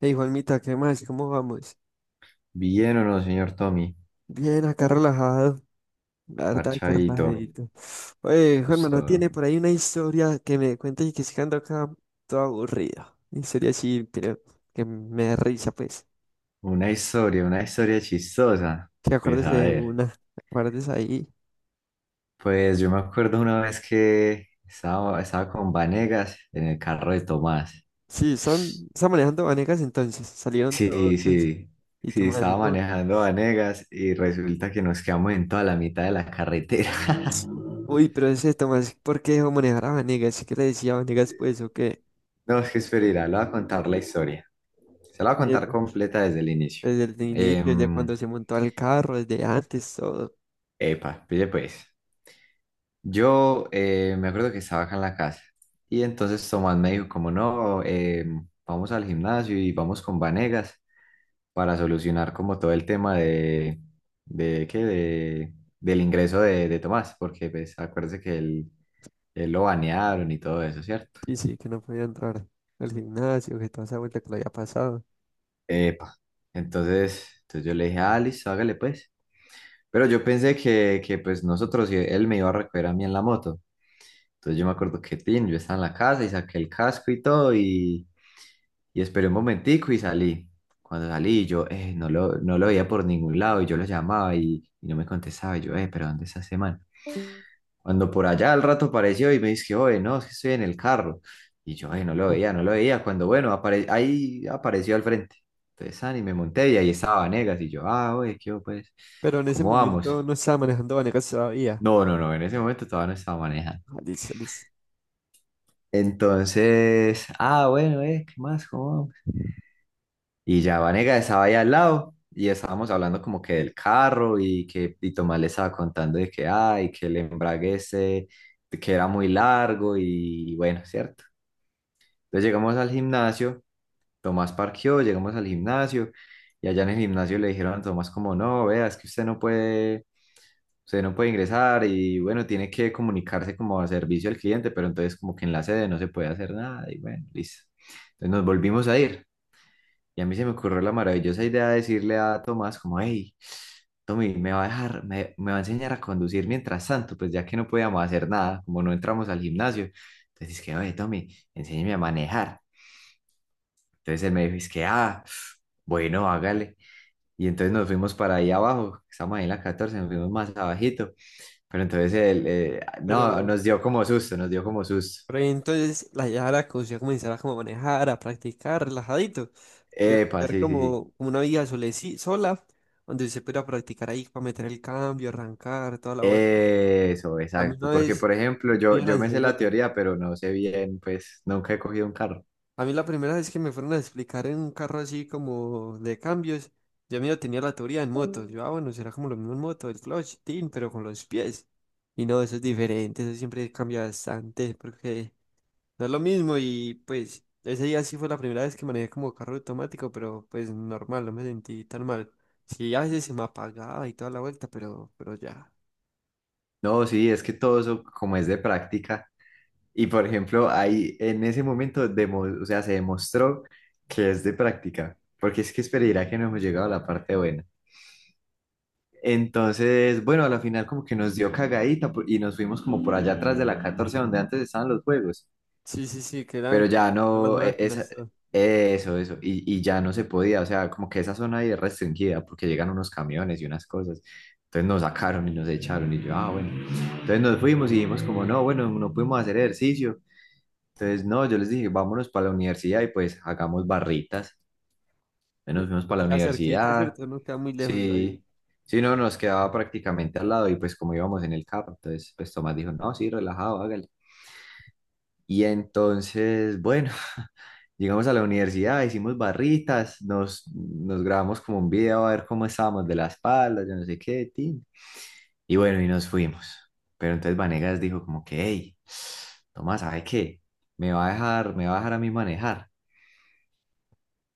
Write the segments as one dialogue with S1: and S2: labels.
S1: Hey Juanmita, ¿qué más? ¿Cómo vamos?
S2: Bien o no, señor Tommy,
S1: Bien, acá relajado, la verdad que
S2: parchadito,
S1: relajadito. Oye, Juanma,
S2: pues
S1: ¿no
S2: todo.
S1: tiene por ahí una historia que me cuente y que se ando acá todo aburrido? Una historia así, creo, que me da risa, pues.
S2: Una historia chistosa.
S1: Que
S2: Pues
S1: acuérdese
S2: a
S1: de
S2: ver,
S1: una, acuerdes ahí.
S2: pues yo me acuerdo una vez que estaba con Vanegas en el carro de Tomás.
S1: Sí, están manejando Vanegas entonces, salieron todos
S2: Sí, sí,
S1: y
S2: sí,
S1: Tomás,
S2: estaba
S1: no.
S2: manejando Vanegas y resulta que nos quedamos en toda la mitad de la carretera.
S1: Uy, pero ese Tomás, ¿por qué dejó manejar a Vanegas? ¿Qué le decía a Vanegas, pues, o qué?
S2: No, es que esperará, le voy a contar la historia. Se la voy a contar
S1: Eh,
S2: completa desde el inicio.
S1: Desde el inicio, desde
S2: Em,
S1: cuando se montó al carro, desde antes, todo.
S2: Epa, pille pues. Yo me acuerdo que estaba acá en la casa y entonces Tomás me dijo como no, vamos al gimnasio y vamos con Vanegas para solucionar como todo el tema de ¿qué? Del ingreso de Tomás, porque pues acuérdese que él lo banearon y todo eso, ¿cierto?
S1: Sí, sí, que no podía entrar al gimnasio, que toda esa vuelta que lo había pasado.
S2: Epa. Entonces yo le dije, ah, listo, hágale pues. Pero yo pensé que pues nosotros, y él me iba a recoger a mí en la moto. Entonces yo me acuerdo que, tin, yo estaba en la casa y saqué el casco y todo y... Y esperé un momentico y salí. Cuando salí, yo no lo veía por ningún lado y yo lo llamaba y no me contestaba. Y yo, pero ¿dónde está ese man? Cuando por allá al rato apareció y me dice, oye, no, es que estoy en el carro. Y yo, no lo veía. Cuando, bueno, ahí apareció al frente. Entonces, ah, y me monté y ahí estaba Vanegas. Y yo, ah, oye, ¿qué hubo, pues?
S1: Pero en ese
S2: ¿Cómo
S1: momento
S2: vamos?
S1: no estaba manejando Vanegas todavía.
S2: No, no, no, en ese momento todavía no estaba manejando.
S1: Ah, listo, listo.
S2: Entonces, ah, bueno, ¿qué más? ¿Cómo vamos? Y ya Vanega estaba ahí al lado y estábamos hablando como que del carro y Tomás le estaba contando de que ay, que el embrague ese, que era muy largo y, bueno, cierto. Entonces llegamos al gimnasio, Tomás parqueó, llegamos al gimnasio y allá en el gimnasio le dijeron a Tomás como no, vea, es que usted no puede ingresar y bueno, tiene que comunicarse como a servicio al cliente, pero entonces como que en la sede no se puede hacer nada y bueno, listo. Entonces nos volvimos a ir. Y a mí se me ocurrió la maravillosa idea de decirle a Tomás como, hey, Tommy, me va a enseñar a conducir mientras tanto, pues ya que no podíamos hacer nada, como no entramos al gimnasio. Entonces es que, oye, Tommy, enséñame a manejar. Entonces él me dijo, es que, ah, bueno, hágale. Y entonces nos fuimos para ahí abajo, estamos ahí en la 14 nos fuimos más abajito. Pero entonces no,
S1: Pero,
S2: nos dio como susto.
S1: pero ahí entonces la idea era que usted comenzara como a manejar, a practicar, relajadito. Voy a
S2: Epa,
S1: buscar
S2: sí, sí, sí.
S1: como, como una vida soleci- sola, donde usted pudiera practicar ahí para meter el cambio, arrancar, toda la vuelta.
S2: Eso,
S1: A mí
S2: exacto.
S1: una
S2: Porque,
S1: vez
S2: por ejemplo,
S1: me iban a
S2: yo me sé
S1: enseñar.
S2: la teoría, pero no sé bien, pues nunca he cogido un carro.
S1: A mí la primera vez que me fueron a explicar en un carro así como de cambios, yo medio tenía la teoría en moto. Yo, ah, bueno, será como lo mismo en moto, el clutch, tin, pero con los pies. Y no, eso es diferente, eso siempre cambia bastante, porque no es lo mismo. Y pues ese día sí fue la primera vez que manejé como carro automático, pero pues normal, no me sentí tan mal. Sí, a veces se me apagaba y toda la vuelta, pero ya.
S2: No, sí, es que todo eso como es de práctica. Y, por ejemplo, ahí en ese momento, o sea, se demostró que es de práctica. Porque es que esperaría que no hemos llegado a la parte buena. Entonces, bueno, a la final como que nos dio y nos fuimos como por allá atrás de la 14 donde antes estaban los juegos.
S1: Sí, sí, sí, quedan
S2: Pero
S1: como
S2: ya
S1: que están las
S2: no,
S1: máquinas, todo.
S2: eso, eso, y ya no se podía, o sea, como que esa zona ahí es restringida porque llegan unos camiones y unas cosas. Entonces nos sacaron y nos echaron y yo, ah, bueno. Entonces nos fuimos y dijimos como, no, bueno, no pudimos hacer ejercicio. Entonces, no, yo les dije, vámonos para la universidad y pues hagamos barritas. Entonces
S1: Y
S2: nos fuimos
S1: les
S2: para la
S1: queda cerquita,
S2: universidad,
S1: ¿cierto? No queda muy lejos de ahí.
S2: sí, sí, no, nos quedaba prácticamente al lado y pues como íbamos en el carro, entonces pues Tomás dijo, no, sí, relajado, hágale. Y entonces, bueno, llegamos a la universidad, hicimos barritas, nos grabamos como un video a ver cómo estábamos de la espalda, yo no sé qué, tin. Y bueno, y nos fuimos. Pero entonces Vanegas dijo como que, hey, Tomás, ¿sabe qué? Me va a dejar a mí manejar.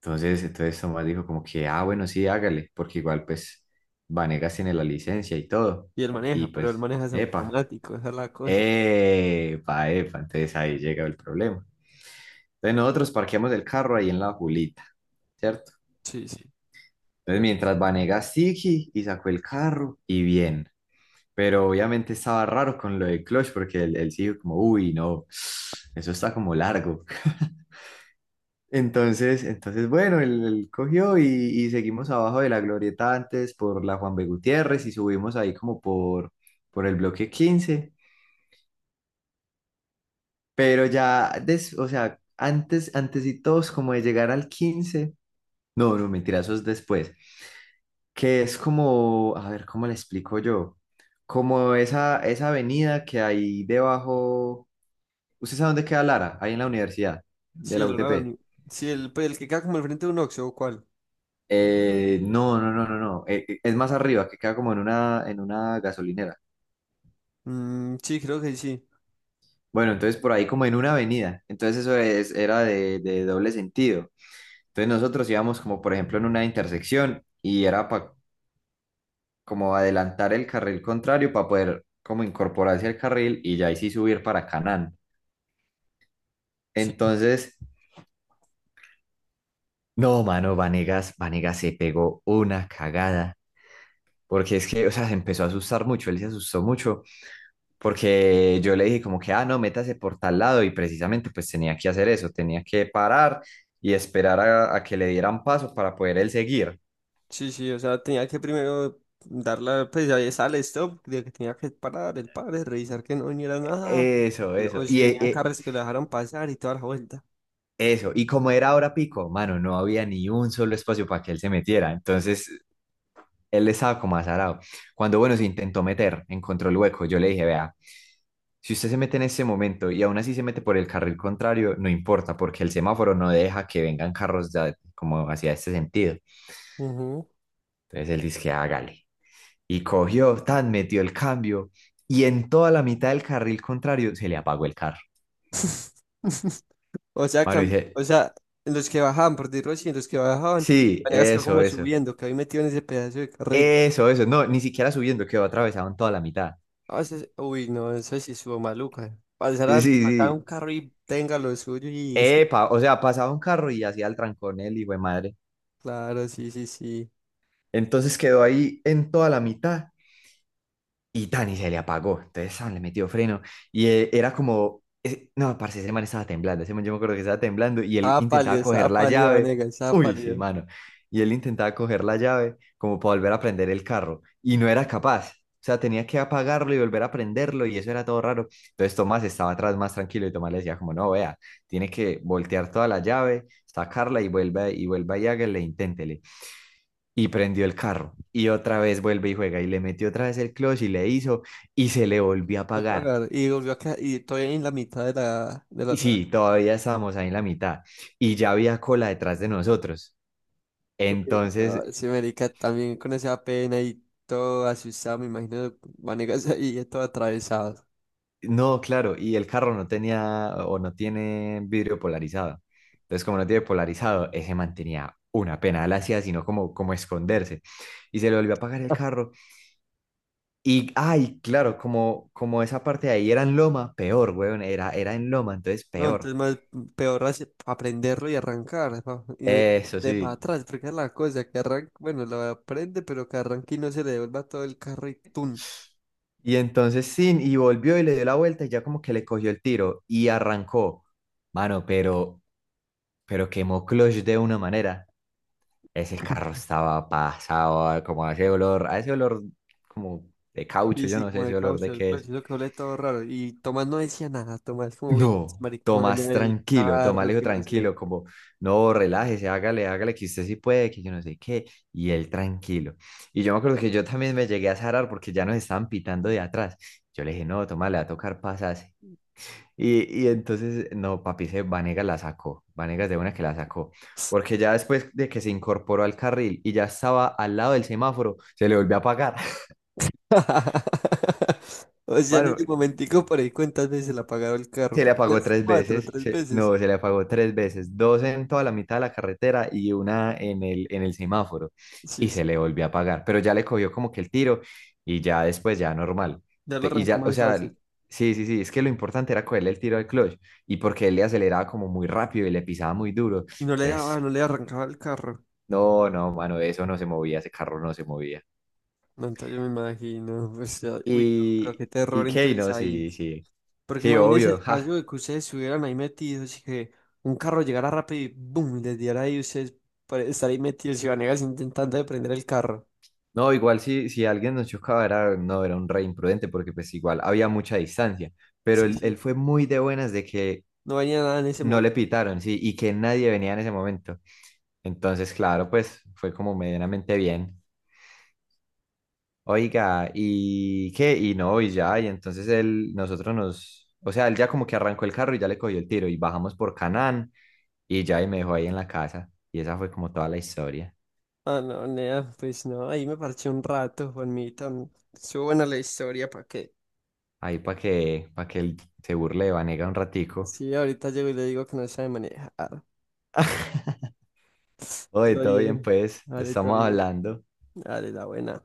S2: Entonces Tomás dijo como que, ah, bueno, sí, hágale, porque igual pues Vanegas tiene la licencia y todo.
S1: Y él maneja,
S2: Y
S1: pero él
S2: pues,
S1: maneja es
S2: epa,
S1: automático, esa es la cosa.
S2: epa, entonces ahí llega el problema. Entonces nosotros parqueamos el carro ahí en la Julita, ¿cierto?
S1: Sí, sí.
S2: Entonces mientras Vanegas Siki y sacó el carro y bien. Pero obviamente estaba raro con lo de clutch porque él sí dijo como, uy, no, eso está como largo. Entonces bueno, él cogió y seguimos abajo de la glorieta antes por la Juan B. Gutiérrez y subimos ahí como por el bloque 15. Pero ya, o sea, antes y todos como de llegar al 15, No, no, mentira, eso es después. Que es como, a ver, ¿cómo le explico yo? Como esa avenida que hay debajo, ¿usted sabe dónde queda Lara? Ahí en la universidad, de
S1: Sí,
S2: la
S1: el Lola,
S2: UTP.
S1: ni- sí, el, pues, el que queda como al frente de un Oxxo, ¿o cuál?
S2: No, no, no, no, no, es más arriba, que queda como en en una gasolinera.
S1: Mm, sí, creo que sí.
S2: Bueno, entonces por ahí como en una avenida, entonces eso es, era de doble sentido. Entonces nosotros íbamos como por ejemplo en una intersección y era para como adelantar el carril contrario para poder como incorporarse al carril y ya ahí sí subir para Canán.
S1: Sí,
S2: Entonces, no, mano, Vanegas se pegó una cagada. Porque es que, o sea, se empezó a asustar mucho, él se asustó mucho, porque yo le dije como que, ah, no, métase por tal lado y precisamente pues tenía que hacer eso, tenía que parar y esperar a que le dieran paso para poder él seguir.
S1: sí, sí, o sea, tenía que primero darla pues ya está el stop, de que tenía que parar el padre, revisar que no viniera nada,
S2: Eso,
S1: y
S2: eso,
S1: luego si venían carros que lo dejaron pasar y toda la vuelta.
S2: eso, y como era hora pico, mano, no había ni un solo espacio para que él se metiera, entonces él estaba como azarado. Cuando, bueno, se intentó meter, encontró el hueco, yo le dije, vea, si usted se mete en ese momento y aún así se mete por el carril contrario, no importa, porque el semáforo no deja que vengan carros como hacia este sentido.
S1: Ujú.
S2: Entonces él dice que hágale. Y cogió, tan, metió el cambio y en toda la mitad del carril contrario se le apagó el carro.
S1: O sea,
S2: Mano
S1: cam-
S2: dice,
S1: o sea, en los que bajaban, por decirlo así, en los que bajaban,
S2: sí,
S1: maneras que
S2: eso,
S1: como
S2: eso,
S1: subiendo, que había metido en ese pedazo de carril.
S2: eso, eso. No, ni siquiera subiendo, quedó atravesado en toda la mitad.
S1: A veces, uy, no, eso sí estuvo maluca. Pasar
S2: Sí,
S1: a,
S2: sí.
S1: pasar a un
S2: Sí.
S1: carro y tenga lo suyo y...
S2: Epa, o sea, pasaba un carro y hacía el trancón él, hijo de madre.
S1: Claro, sí, sí, sí.
S2: Entonces quedó ahí en toda la mitad y Dani se le apagó. Entonces Sam le metió freno y no, parce, ese man yo me acuerdo que estaba temblando y él intentaba coger
S1: Estaba
S2: la
S1: pálido,
S2: llave.
S1: Vanegas, estaba
S2: Uy, sí,
S1: pálido.
S2: mano. Y él intentaba coger la llave como para volver a prender el carro y no era capaz. O sea, tenía que apagarlo y volver a prenderlo y eso era todo raro. Entonces Tomás estaba atrás más tranquilo y Tomás le decía como, no, vea, tiene que voltear toda la llave, sacarla y vuelva y hágale, inténtele y prendió el carro. Y otra vez vuelve y juega y le metió otra vez el clutch y le hizo y se le volvió a
S1: No
S2: apagar.
S1: pagar. Y volvió a quedar, y estoy en la mitad de la
S2: Y
S1: otra.
S2: sí, todavía estábamos ahí en la mitad y ya había cola detrás de nosotros.
S1: Uy, no,
S2: Entonces,
S1: ese marica también con esa pena y todo asustado, me imagino, Vanegas ahí todo atravesado.
S2: no, claro, y el carro no tenía o no tiene vidrio polarizado. Entonces, como no tiene polarizado, ese mantenía una pena, él hacía sino como esconderse. Y se le volvió a apagar el carro. Y, ay, claro, como esa parte de ahí era en loma, peor, weón, era en loma, entonces
S1: No,
S2: peor.
S1: entonces más peor así aprenderlo y arrancar, pa, y no ir
S2: Eso
S1: de para
S2: sí.
S1: atrás, porque es la cosa que arranca, bueno, lo aprende, pero que arranque y no se le devuelva todo el carro y tun.
S2: Y entonces sin, y volvió y le dio la vuelta y ya como que le cogió el tiro y arrancó. Mano, pero quemó clutch de una manera. Ese carro estaba pasado, como a ese olor como de caucho,
S1: Sí,
S2: yo
S1: sí,
S2: no sé
S1: como
S2: ese
S1: de
S2: olor de
S1: caucho, el
S2: qué
S1: clutch,
S2: es.
S1: eso que huele todo raro. Y Tomás no decía nada, Tomás como bien,
S2: No,
S1: marica, me
S2: Tomás,
S1: daña el
S2: tranquilo, Tomás le
S1: carro,
S2: dijo
S1: que no sé.
S2: tranquilo, como, no, relájese, hágale, que usted sí puede, que yo no sé qué, y él tranquilo. Y yo me acuerdo que yo también me llegué a zarar porque ya nos estaban pitando de atrás. Yo le dije, no, Tomás, le va a tocar pasarse. Y entonces, no, papi, se Vanegas de una que la sacó, porque ya después de que se incorporó al carril y ya estaba al lado del semáforo, se le volvió a apagar.
S1: O sea, en
S2: Bueno,
S1: ese momentico por ahí cuántas veces le apagado el carro,
S2: se le
S1: por
S2: apagó
S1: unas
S2: tres
S1: cuatro,
S2: veces,
S1: tres veces.
S2: no, se le apagó tres veces, dos en toda la mitad de la carretera y una en en el semáforo. Y
S1: Sí,
S2: se
S1: sí,
S2: le volvió a apagar, pero ya le cogió como que el tiro y ya después ya normal.
S1: ya lo
S2: Te- Y
S1: arrancó
S2: ya, o
S1: más
S2: sea,
S1: fácil.
S2: sí, sí, sí, es que lo importante era cogerle el tiro al clutch y porque él le aceleraba como muy rápido y le pisaba muy duro.
S1: Y no le
S2: Entonces,
S1: daba, no le arrancaba el carro.
S2: no, no, mano, eso no se movía, ese carro no se movía.
S1: No, entonces yo me imagino, pues, ya- uy, no, pero
S2: Y,
S1: qué terror
S2: y qué,
S1: entonces
S2: no,
S1: ahí.
S2: sí, sí,
S1: Porque
S2: sí,
S1: imagínense
S2: obvio,
S1: el caso
S2: ja.
S1: de que ustedes estuvieran ahí metidos y que un carro llegara rápido y boom, y les diera ahí ustedes por estar ahí metidos y Vanegas intentando de prender el carro.
S2: No, igual si alguien nos chocaba era, no, era un re imprudente porque pues igual había mucha distancia, pero
S1: Sí,
S2: él
S1: sí,
S2: fue muy de buenas de que
S1: no venía nada en ese
S2: no
S1: momento.
S2: le pitaron, sí, y que nadie venía en ese momento. Entonces, claro, pues fue como medianamente bien. Oiga, ¿y qué? Y no, y ya, y entonces él, nosotros nos, o sea, él ya como que arrancó el carro y ya le cogió el tiro y bajamos por Canán y ya y me dejó ahí en la casa. Y esa fue como toda la historia.
S1: Ah, no, nea, pues no, ahí me parché un rato, Juanmita. Mm, estuvo buena la historia, ¿para qué?
S2: Ahí para que él se burle de Vanega un ratico.
S1: Sí, ahorita llego y le digo que no sabe manejar.
S2: Oye,
S1: Todo
S2: todo bien,
S1: bien,
S2: pues,
S1: todo
S2: estamos
S1: bien,
S2: hablando.
S1: dale, la buena.